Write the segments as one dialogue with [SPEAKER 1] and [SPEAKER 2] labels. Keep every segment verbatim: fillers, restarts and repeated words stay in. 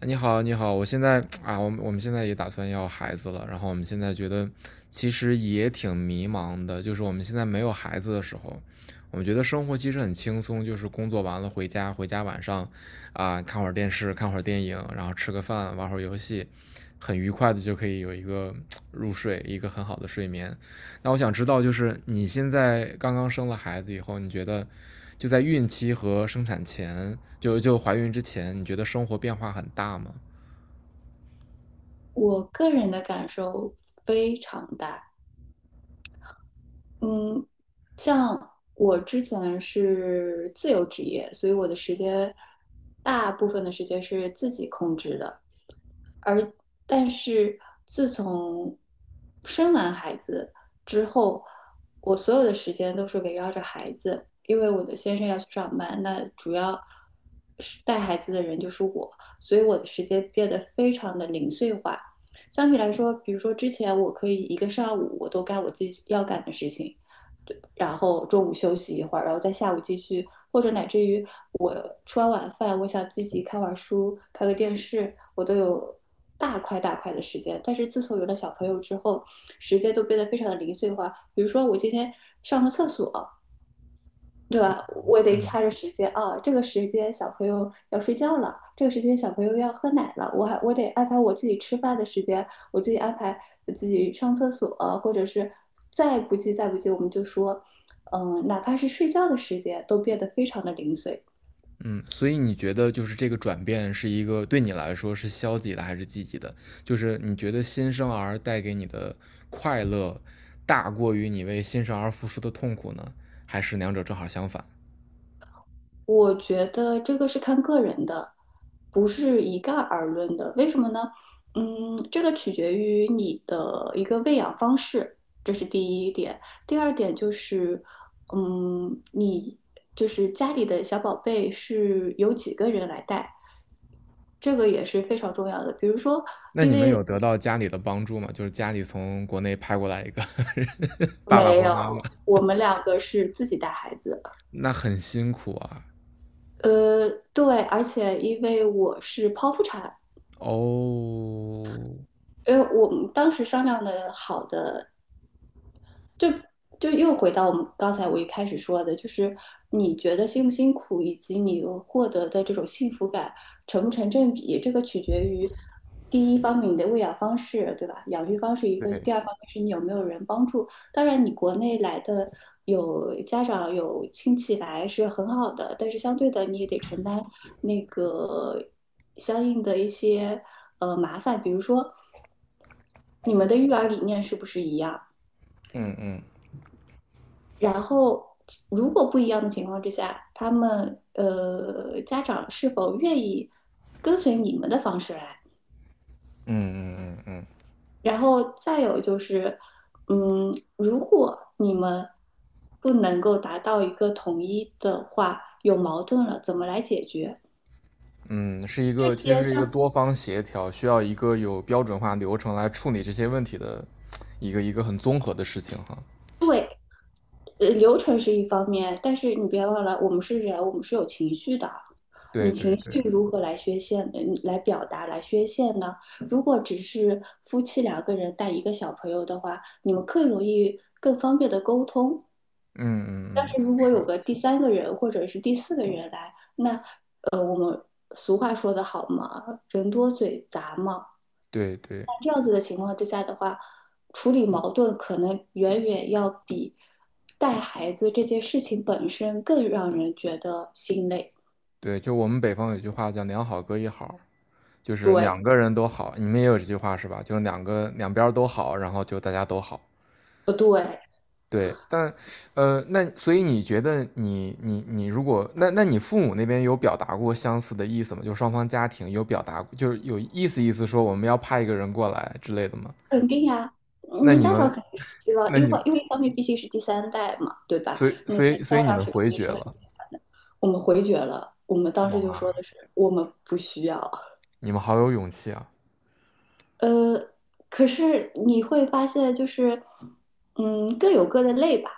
[SPEAKER 1] 你好，你好，我现在啊，我们我们现在也打算要孩子了，然后我们现在觉得其实也挺迷茫的，就是我们现在没有孩子的时候，我们觉得生活其实很轻松，就是工作完了回家，回家晚上啊看会儿电视，看会儿电影，然后吃个饭，玩会儿游戏，很愉快的就可以有一个入睡，一个很好的睡眠。那我想知道，就是你现在刚刚生了孩子以后，你觉得就在孕期和生产前，就就怀孕之前，你觉得生活变化很大吗？
[SPEAKER 2] 我个人的感受非常大。嗯，像我之前是自由职业，所以我的时间大部分的时间是自己控制的。但是自从生完孩子之后，我所有的时间都是围绕着孩子，因为我的先生要去上班，那主要是带孩子的人就是我，所以我的时间变得非常的零碎化。相比来说，比如说之前我可以一个上午我都干我自己要干的事情，然后中午休息一会儿，然后在下午继续，或者乃至于我吃完晚饭，我想自己看会儿书、看个电视，我都有大块大块的时间。但是自从有了小朋友之后，时间都变得非常的零碎化。比如说，我今天上个厕所，对吧？我得掐着时间啊，这个时间小朋友要睡觉了，这个时间小朋友要喝奶了，我还我得安排我自己吃饭的时间，我自己安排自己上厕所，或者是再不济再不济，我们就说，嗯，哪怕是睡觉的时间都变得非常的零碎。
[SPEAKER 1] 嗯，所以你觉得就是这个转变是一个对你来说是消极的还是积极的？就是你觉得新生儿带给你的快乐大过于你为新生儿付出的痛苦呢，还是两者正好相反？
[SPEAKER 2] 我觉得这个是看个人的，不是一概而论的。为什么呢？嗯，这个取决于你的一个喂养方式，这是第一点。第二点就是，嗯，你就是家里的小宝贝是由几个人来带，这个也是非常重要的。比如说，
[SPEAKER 1] 那
[SPEAKER 2] 因
[SPEAKER 1] 你们
[SPEAKER 2] 为
[SPEAKER 1] 有得到家里的帮助吗？就是家里从国内派过来一个 爸爸
[SPEAKER 2] 没
[SPEAKER 1] 或妈妈，
[SPEAKER 2] 有，我们两个是自己带孩子。
[SPEAKER 1] 那很辛苦啊。
[SPEAKER 2] 呃，对，而且因为我是剖腹产，
[SPEAKER 1] 哦，
[SPEAKER 2] 因为我们当时商量的好的，就又回到我们刚才我一开始说的，就是你觉得辛不辛苦，以及你获得的这种幸福感成不成正比，这个取决于第一方面你的喂养方式，对吧？养育方式一个，第
[SPEAKER 1] 对，
[SPEAKER 2] 二方面是你有没有人帮助。当然，你国内来的有家长有亲戚来是很好的，但是相对的你也得承担那个相应的一些呃麻烦。比如说你们的育儿理念是不是一样？
[SPEAKER 1] 嗯嗯
[SPEAKER 2] 然后，如果不一样的情况之下，他们呃家长是否愿意跟随你们的方式来？
[SPEAKER 1] 嗯嗯嗯嗯
[SPEAKER 2] 然后再有就是，嗯，如果你们不能够达到一个统一的话，有矛盾了，怎么来解决？
[SPEAKER 1] 嗯，是一
[SPEAKER 2] 这
[SPEAKER 1] 个其实
[SPEAKER 2] 些
[SPEAKER 1] 是一个
[SPEAKER 2] 相
[SPEAKER 1] 多方协调，需要一个有标准化流程来处理这些问题的一个一个很综合的事情哈。
[SPEAKER 2] 呃流程是一方面，但是你别忘了，我们是人，我们是有情绪的。
[SPEAKER 1] 对
[SPEAKER 2] 你
[SPEAKER 1] 对
[SPEAKER 2] 情
[SPEAKER 1] 对，
[SPEAKER 2] 绪如何来宣泄，嗯，来表达，来宣泄呢？如果只是夫妻两个人带一个小朋友的话，你们更容易、更方便的沟通。但
[SPEAKER 1] 嗯嗯嗯，
[SPEAKER 2] 是如果
[SPEAKER 1] 是，
[SPEAKER 2] 有个第三个人或者是第四个人来，那呃，我们俗话说得好嘛，人多嘴杂嘛。
[SPEAKER 1] 对对
[SPEAKER 2] 那这样子的情况之下的话，处理矛盾可能远远要比带孩子这件事情本身更让人觉得心累。
[SPEAKER 1] 对，就我们北方有句话叫“两好各一好”，就是
[SPEAKER 2] 对，
[SPEAKER 1] 两个人都好，你们也有这句话是吧？就是两个两边儿都好，然后就大家都好。
[SPEAKER 2] 不对，
[SPEAKER 1] 对，但呃，那所以你觉得你你你如果那那你父母那边有表达过相似的意思吗？就双方家庭有表达，过，就是有意思意思说我们要派一个人过来之类的吗？
[SPEAKER 2] 肯定呀、嗯
[SPEAKER 1] 那
[SPEAKER 2] 你
[SPEAKER 1] 你
[SPEAKER 2] 家长
[SPEAKER 1] 们
[SPEAKER 2] 肯定是希望，
[SPEAKER 1] 那
[SPEAKER 2] 因
[SPEAKER 1] 你们
[SPEAKER 2] 为因为一方面毕竟是第三代嘛，对吧？
[SPEAKER 1] 所以
[SPEAKER 2] 你
[SPEAKER 1] 所以所
[SPEAKER 2] 家
[SPEAKER 1] 以你
[SPEAKER 2] 长
[SPEAKER 1] 们
[SPEAKER 2] 是肯
[SPEAKER 1] 回
[SPEAKER 2] 定
[SPEAKER 1] 绝
[SPEAKER 2] 是很
[SPEAKER 1] 了，
[SPEAKER 2] 喜欢的。我们回绝了，我们当时就说
[SPEAKER 1] 哇，
[SPEAKER 2] 的是我们不需要。
[SPEAKER 1] 你们好有勇气啊！
[SPEAKER 2] 呃，可是你会发现，就是，嗯，各有各的累吧。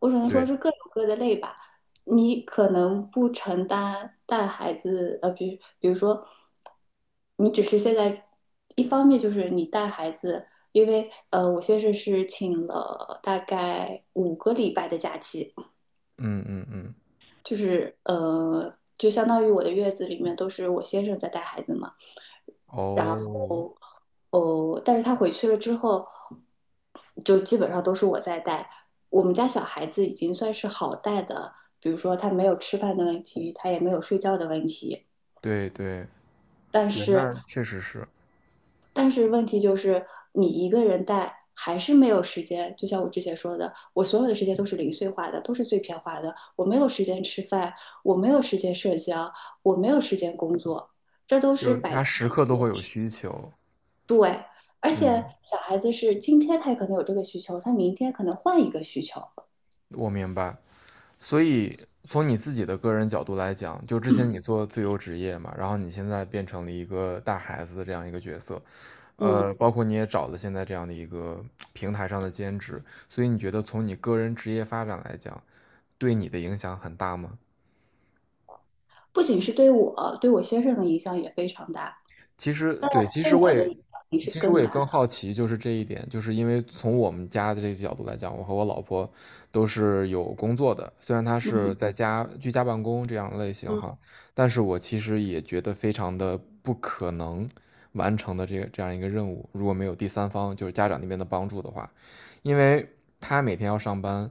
[SPEAKER 2] 我只能说
[SPEAKER 1] 对，
[SPEAKER 2] 是各有各的累吧。你可能不承担带孩子，呃，比比如说，你只是现在一方面就是你带孩子，因为呃，我先生是请了大概五个礼拜的假期，
[SPEAKER 1] 嗯嗯嗯，
[SPEAKER 2] 就是呃，就相当于我的月子里面都是我先生在带孩子嘛。
[SPEAKER 1] 哦，
[SPEAKER 2] 哦，但是他回去了之后，就基本上都是我在带。我们家小孩子已经算是好带的，比如说他没有吃饭的问题，他也没有睡觉的问题。
[SPEAKER 1] 对对
[SPEAKER 2] 但
[SPEAKER 1] 对，
[SPEAKER 2] 是，
[SPEAKER 1] 那确实是，
[SPEAKER 2] 但是问题就是你一个人带还是没有时间。就像我之前说的，我所有的时间都是零碎化的，都是碎片化的。我没有时间吃饭，我没有时间社交，我没有时间工作，这都
[SPEAKER 1] 就
[SPEAKER 2] 是
[SPEAKER 1] 是
[SPEAKER 2] 摆
[SPEAKER 1] 他
[SPEAKER 2] 在。
[SPEAKER 1] 时刻都会有需求，
[SPEAKER 2] 对，而且
[SPEAKER 1] 嗯，
[SPEAKER 2] 小孩子是今天他也可能有这个需求，他明天可能换一个需求。
[SPEAKER 1] 我明白。所以从你自己的个人角度来讲，就之前你做自由职业嘛，然后你现在变成了一个带孩子的这样一个角色，
[SPEAKER 2] 嗯，
[SPEAKER 1] 呃，包括你也找了现在这样的一个平台上的兼职，所以你觉得从你个人职业发展来讲，对你的影响很大吗？
[SPEAKER 2] 不仅是对我，对我先生的影响也非常大，
[SPEAKER 1] 其实对，其
[SPEAKER 2] 对
[SPEAKER 1] 实我
[SPEAKER 2] 我的
[SPEAKER 1] 也，
[SPEAKER 2] 影响也是
[SPEAKER 1] 其实我
[SPEAKER 2] 更
[SPEAKER 1] 也
[SPEAKER 2] 大
[SPEAKER 1] 更好
[SPEAKER 2] 的。
[SPEAKER 1] 奇，就是这一点，就是因为从我们家的这个角度来讲，我和我老婆都是有工作的，虽然她是
[SPEAKER 2] 嗯
[SPEAKER 1] 在家居家办公这样的类型
[SPEAKER 2] 嗯
[SPEAKER 1] 哈，但是我其实也觉得非常的不可能完成的这个这样一个任务，如果没有第三方，就是家长那边的帮助的话，因为她每天要上班，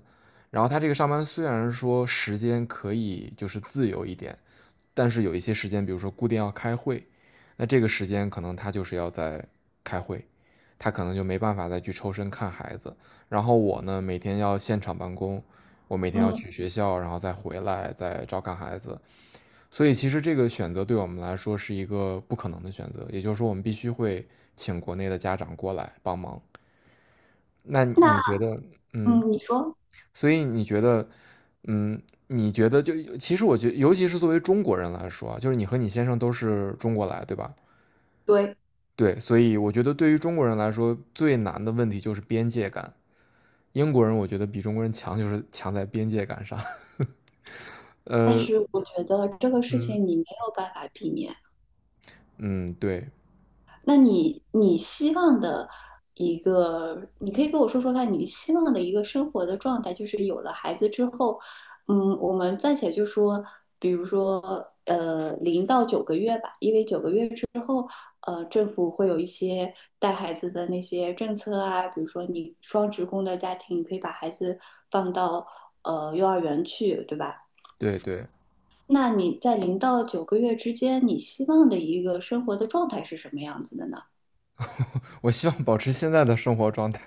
[SPEAKER 1] 然后她这个上班虽然说时间可以就是自由一点。但是有一些时间，比如说固定要开会，那这个时间可能他就是要在开会，他可能就没办法再去抽身看孩子。然后我呢，每天要现场办公，我每天要
[SPEAKER 2] 嗯，
[SPEAKER 1] 去学校，然后再回来再照看孩子。所以其实这个选择对我们来说是一个不可能的选择，也就是说我们必须会请国内的家长过来帮忙。那
[SPEAKER 2] 那
[SPEAKER 1] 你觉得，嗯，
[SPEAKER 2] 嗯，你说。
[SPEAKER 1] 所以你觉得，嗯，你觉得就其实我觉得，尤其是作为中国人来说啊，就是你和你先生都是中国来，对吧？
[SPEAKER 2] 对，
[SPEAKER 1] 对，所以我觉得对于中国人来说，最难的问题就是边界感。英国人我觉得比中国人强，就是强在边界感上。
[SPEAKER 2] 但
[SPEAKER 1] 呃，
[SPEAKER 2] 是我觉得这个事
[SPEAKER 1] 嗯
[SPEAKER 2] 情你没有办法避免。
[SPEAKER 1] 嗯，对
[SPEAKER 2] 那你你希望的一个，你可以跟我说说看，你希望的一个生活的状态，就是有了孩子之后，嗯，我们暂且就说。呃零到九个月吧，因为九个月之后，呃，政府会有一些带孩子的那些政策啊，比如说你双职工的家庭可以把孩子放到呃幼儿园去，对吧？
[SPEAKER 1] 对对，
[SPEAKER 2] 那你在零到九个月之间，你希望的一个生活的状态是什么样子的呢？
[SPEAKER 1] 我希望保持现在的生活状态。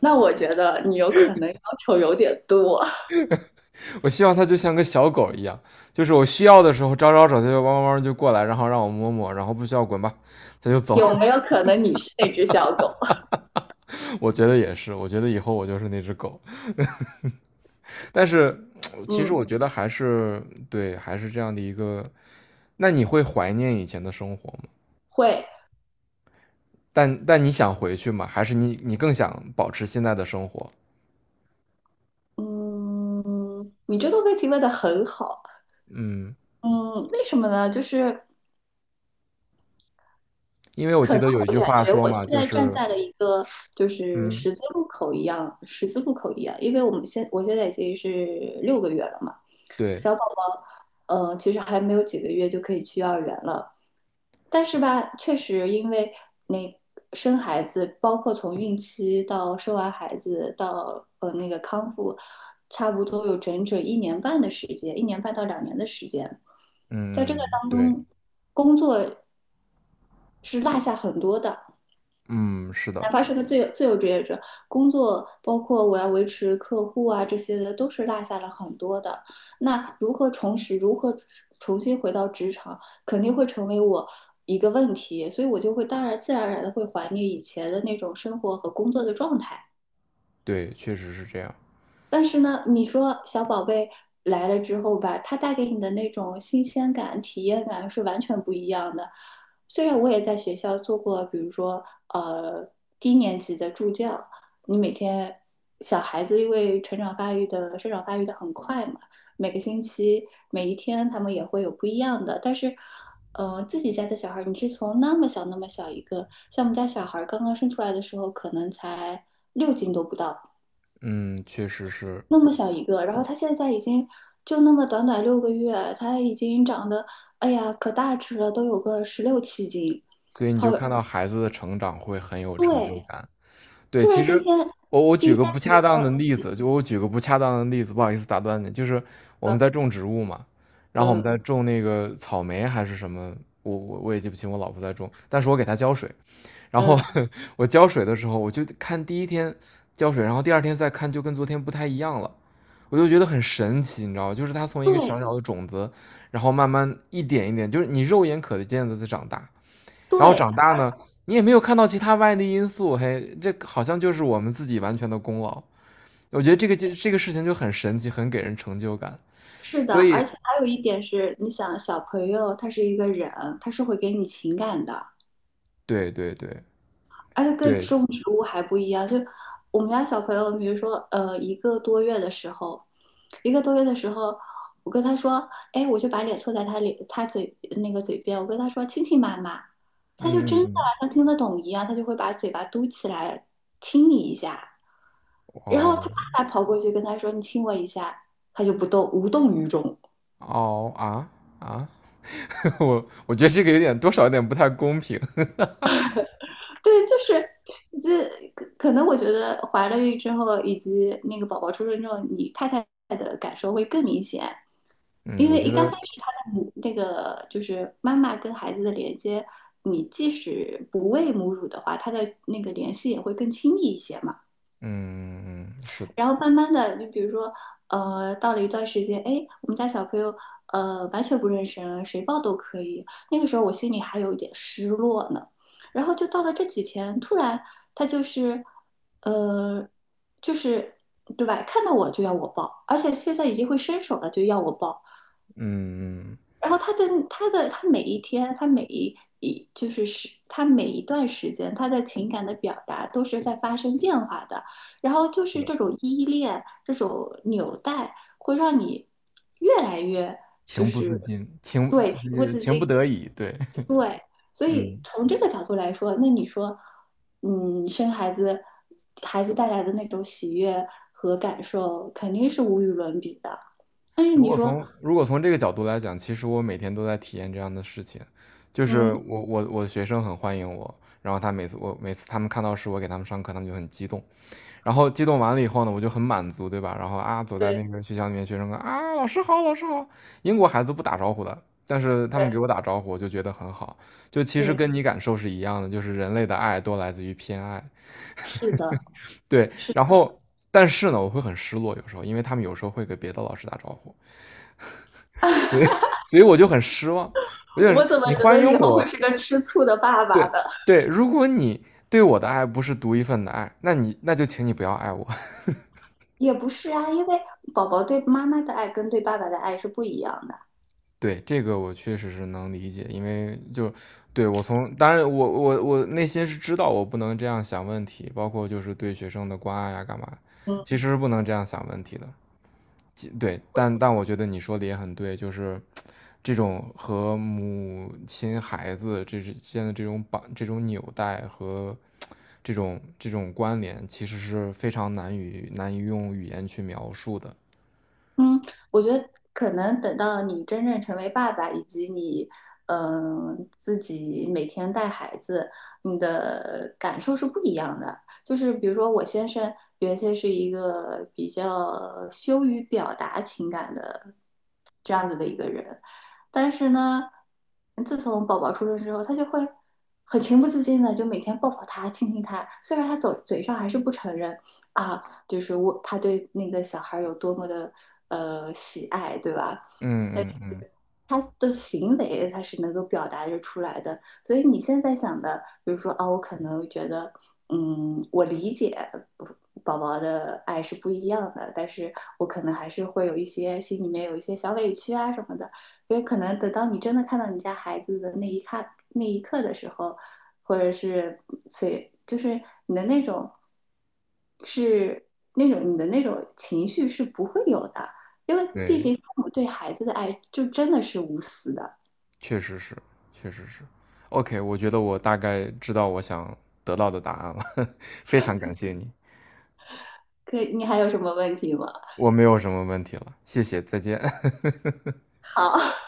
[SPEAKER 2] 那我觉得你有可能要求有点多，
[SPEAKER 1] 我希望它就像个小狗一样，就是我需要的时候招招手，它就汪汪汪就过来，然后让我摸摸，然后不需要滚吧，它就走。
[SPEAKER 2] 有没有可能你是那只小狗？
[SPEAKER 1] 我觉得也是，我觉得以后我就是那只狗。但是 其实
[SPEAKER 2] 嗯，
[SPEAKER 1] 我觉得还是对，还是这样的一个。那你会怀念以前的生活吗？
[SPEAKER 2] 会。
[SPEAKER 1] 但但你想回去吗？还是你你更想保持现在的生活？
[SPEAKER 2] 嗯，你这个问题问得很好。
[SPEAKER 1] 嗯，
[SPEAKER 2] 嗯，为什么呢？就是
[SPEAKER 1] 因为我
[SPEAKER 2] 可
[SPEAKER 1] 记
[SPEAKER 2] 能
[SPEAKER 1] 得有一
[SPEAKER 2] 我
[SPEAKER 1] 句
[SPEAKER 2] 感
[SPEAKER 1] 话
[SPEAKER 2] 觉
[SPEAKER 1] 说
[SPEAKER 2] 我现
[SPEAKER 1] 嘛，就
[SPEAKER 2] 在站
[SPEAKER 1] 是
[SPEAKER 2] 在了一个就是
[SPEAKER 1] 嗯，
[SPEAKER 2] 十字路口一样，十字路口一样，因为我们现我现在已经是六个月了嘛。
[SPEAKER 1] 对，
[SPEAKER 2] 小宝宝，呃，其实还没有几个月就可以去幼儿园了。但是吧，确实因为那生孩子，包括从孕期到生完孩子到呃那个康复，差不多有整整一年半的时间，一年半到两年的时间，在这个
[SPEAKER 1] 嗯，
[SPEAKER 2] 当
[SPEAKER 1] 对，
[SPEAKER 2] 中，工作是落下很多的。
[SPEAKER 1] 嗯，是的，
[SPEAKER 2] 哪怕是个自由自由职业者，工作包括我要维持客户啊这些的，都是落下了很多的。那如何重拾，如何重新回到职场，肯定会成为我一个问题。所以我就会当然自然而然的会怀念以前的那种生活和工作的状态。
[SPEAKER 1] 对，确实是这样，
[SPEAKER 2] 但是呢，你说小宝贝来了之后吧，他带给你的那种新鲜感、体验感是完全不一样的。虽然我也在学校做过，比如说呃低年级的助教，你每天小孩子因为成长发育的生长发育的很快嘛，每个星期每一天他们也会有不一样的，但是。呃，自己家的小孩儿，你是从那么小那么小一个，像我们家小孩儿刚刚生出来的时候，可能才六斤都不到，
[SPEAKER 1] 嗯，确实是，
[SPEAKER 2] 那么小一个，然后他现在已经就那么短短六个月，他已经长得，哎呀，可大只了，都有个十六七斤。
[SPEAKER 1] 所以你
[SPEAKER 2] 好，
[SPEAKER 1] 就看到孩子的成长会很有成就
[SPEAKER 2] 对，
[SPEAKER 1] 感。对，
[SPEAKER 2] 突
[SPEAKER 1] 其
[SPEAKER 2] 然今
[SPEAKER 1] 实
[SPEAKER 2] 天，
[SPEAKER 1] 我我举
[SPEAKER 2] 今
[SPEAKER 1] 个
[SPEAKER 2] 天
[SPEAKER 1] 不
[SPEAKER 2] 比如
[SPEAKER 1] 恰当的
[SPEAKER 2] 说，
[SPEAKER 1] 例子，就我举个不恰当的例子，不好意思打断你，就是我们
[SPEAKER 2] 呃
[SPEAKER 1] 在种植物嘛，然后我们
[SPEAKER 2] 嗯
[SPEAKER 1] 在种那个草莓还是什么，我我我也记不清我老婆在种，但是我给她浇水，然后
[SPEAKER 2] 嗯，
[SPEAKER 1] 我浇水的时候，我就看第一天浇水，然后第二天再看，就跟昨天不太一样了。我就觉得很神奇，你知道吗？就是它从一个小
[SPEAKER 2] 对
[SPEAKER 1] 小的种子，然后慢慢一点一点，就是你肉眼可见的在长大。然后
[SPEAKER 2] 对，
[SPEAKER 1] 长大呢，你也没有看到其他外力因素，嘿，这好像就是我们自己完全的功劳。我觉得这个这这个事情就很神奇，很给人成就感。
[SPEAKER 2] 是的，
[SPEAKER 1] 所
[SPEAKER 2] 而且
[SPEAKER 1] 以，
[SPEAKER 2] 还有一点是，你想小朋友他是一个人，他是会给你情感的。
[SPEAKER 1] 对对对
[SPEAKER 2] 而且跟
[SPEAKER 1] 对，
[SPEAKER 2] 种植物还不一样，就我们家小朋友，比如说呃一个多月的时候，一个多月的时候，我跟他说，哎，我就把脸凑在他脸他嘴那个嘴边，我跟他说亲亲妈妈，他就
[SPEAKER 1] 嗯
[SPEAKER 2] 真
[SPEAKER 1] 嗯
[SPEAKER 2] 的
[SPEAKER 1] 嗯，
[SPEAKER 2] 像听得懂一样，他就会把嘴巴嘟起来亲你一下。然后他
[SPEAKER 1] 哦
[SPEAKER 2] 爸爸跑过去跟他说你亲我一下，他就不动，无动于衷。
[SPEAKER 1] 哦啊啊。我我觉得这个有点多少有点不太公平。
[SPEAKER 2] 对，就是这可可能我觉得怀了孕之后，以及那个宝宝出生之后，你太太的感受会更明显。
[SPEAKER 1] 嗯，
[SPEAKER 2] 因
[SPEAKER 1] 我
[SPEAKER 2] 为
[SPEAKER 1] 觉
[SPEAKER 2] 一刚开
[SPEAKER 1] 得，
[SPEAKER 2] 始她的母那个就是妈妈跟孩子的连接，你即使不喂母乳的话，她的那个联系也会更亲密一些嘛。
[SPEAKER 1] 嗯，是的，
[SPEAKER 2] 然后慢慢的，就比如说，呃，到了一段时间，哎，我们家小朋友，呃，完全不认识人，谁抱都可以。那个时候我心里还有一点失落呢。然后就到了这几天，突然他就是，呃，就是，对吧？看到我就要我抱，而且现在已经会伸手了，就要我抱。
[SPEAKER 1] 嗯，
[SPEAKER 2] 然后他的他的他每一天，他每一一就是是他每一段时间，他的情感的表达都是在发生变化的。然后就是这种依恋，这种纽带，会让你越来越。就
[SPEAKER 1] 情不自
[SPEAKER 2] 是。
[SPEAKER 1] 禁，情
[SPEAKER 2] 对
[SPEAKER 1] 呃情不得已，对，
[SPEAKER 2] 对。所以
[SPEAKER 1] 嗯。
[SPEAKER 2] 从这个角度来说，那你说，嗯，生孩子，孩子带来的那种喜悦和感受，肯定是无与伦比的。但是
[SPEAKER 1] 如
[SPEAKER 2] 你
[SPEAKER 1] 果
[SPEAKER 2] 说，
[SPEAKER 1] 从如果从这个角度来讲，其实我每天都在体验这样的事情，就是
[SPEAKER 2] 嗯，
[SPEAKER 1] 我我我的学生很欢迎我，然后他每次我每次他们看到是我给他们上课，他们就很激动，然后激动完了以后呢，我就很满足，对吧？然后啊，走在那个
[SPEAKER 2] 对
[SPEAKER 1] 学校里面，学生说啊，老师好，老师好。英国孩子不打招呼的，但是他
[SPEAKER 2] 对
[SPEAKER 1] 们给我打招呼，我就觉得很好。就其实
[SPEAKER 2] 对，
[SPEAKER 1] 跟你感受是一样的，就是人类的爱都来自于偏爱。
[SPEAKER 2] 是的。
[SPEAKER 1] 对，
[SPEAKER 2] 是，
[SPEAKER 1] 然后但是呢，我会很失落，有时候，因为他们有时候会给别的老师打招呼，所 以 所以我就很失望。我就
[SPEAKER 2] 我
[SPEAKER 1] 是
[SPEAKER 2] 怎么
[SPEAKER 1] 你
[SPEAKER 2] 觉
[SPEAKER 1] 欢
[SPEAKER 2] 得以
[SPEAKER 1] 迎
[SPEAKER 2] 后会
[SPEAKER 1] 我，
[SPEAKER 2] 是个吃醋的爸爸
[SPEAKER 1] 对
[SPEAKER 2] 的？
[SPEAKER 1] 对，如果你对我的爱不是独一份的爱，那你那就请你不要爱我。
[SPEAKER 2] 也不是啊，因为宝宝对妈妈的爱跟对爸爸的爱是不一样的。
[SPEAKER 1] 对，这个我确实是能理解，因为就对我从当然我我我内心是知道我不能这样想问题，包括就是对学生的关爱呀、干嘛，
[SPEAKER 2] 嗯。
[SPEAKER 1] 其实是不能这样想问题的。其对，但但我觉得你说的也很对，就是这种和母亲、孩子这之间的这种绑、这种纽带和这种这种关联，其实是非常难以难以用语言去描述的。
[SPEAKER 2] 嗯，我觉得可能等到你真正成为爸爸，以及你，嗯、自己每天带孩子，你的感受是不一样的。就是比如说，我先生原先是一个比较羞于表达情感的这样子的一个人，但是呢，自从宝宝出生之后，他就会很情不自禁的就每天抱抱他、亲亲他，虽然他嘴嘴上还是不承认。啊，就是我他对那个小孩有多么的呃喜爱，对吧？
[SPEAKER 1] 嗯嗯嗯，
[SPEAKER 2] 他的行为他是能够表达着出来的。所以你现在想的，比如说啊，我可能觉得，嗯，我理解宝宝的爱是不一样的，但是我可能还是会有一些心里面有一些小委屈啊什么的。因为可能等到你真的看到你家孩子的那一刻那一刻的时候，或者是随就是你的那种是那种你的那种情绪是不会有的。因为毕
[SPEAKER 1] 对。
[SPEAKER 2] 竟父母对孩子的爱就真的是无私的。
[SPEAKER 1] 确实是，确实是。O K，我觉得我大概知道我想得到的答案了，非常感谢你，
[SPEAKER 2] 可你还有什么问题吗？
[SPEAKER 1] 我没有什么问题了，谢谢，再见。
[SPEAKER 2] 好，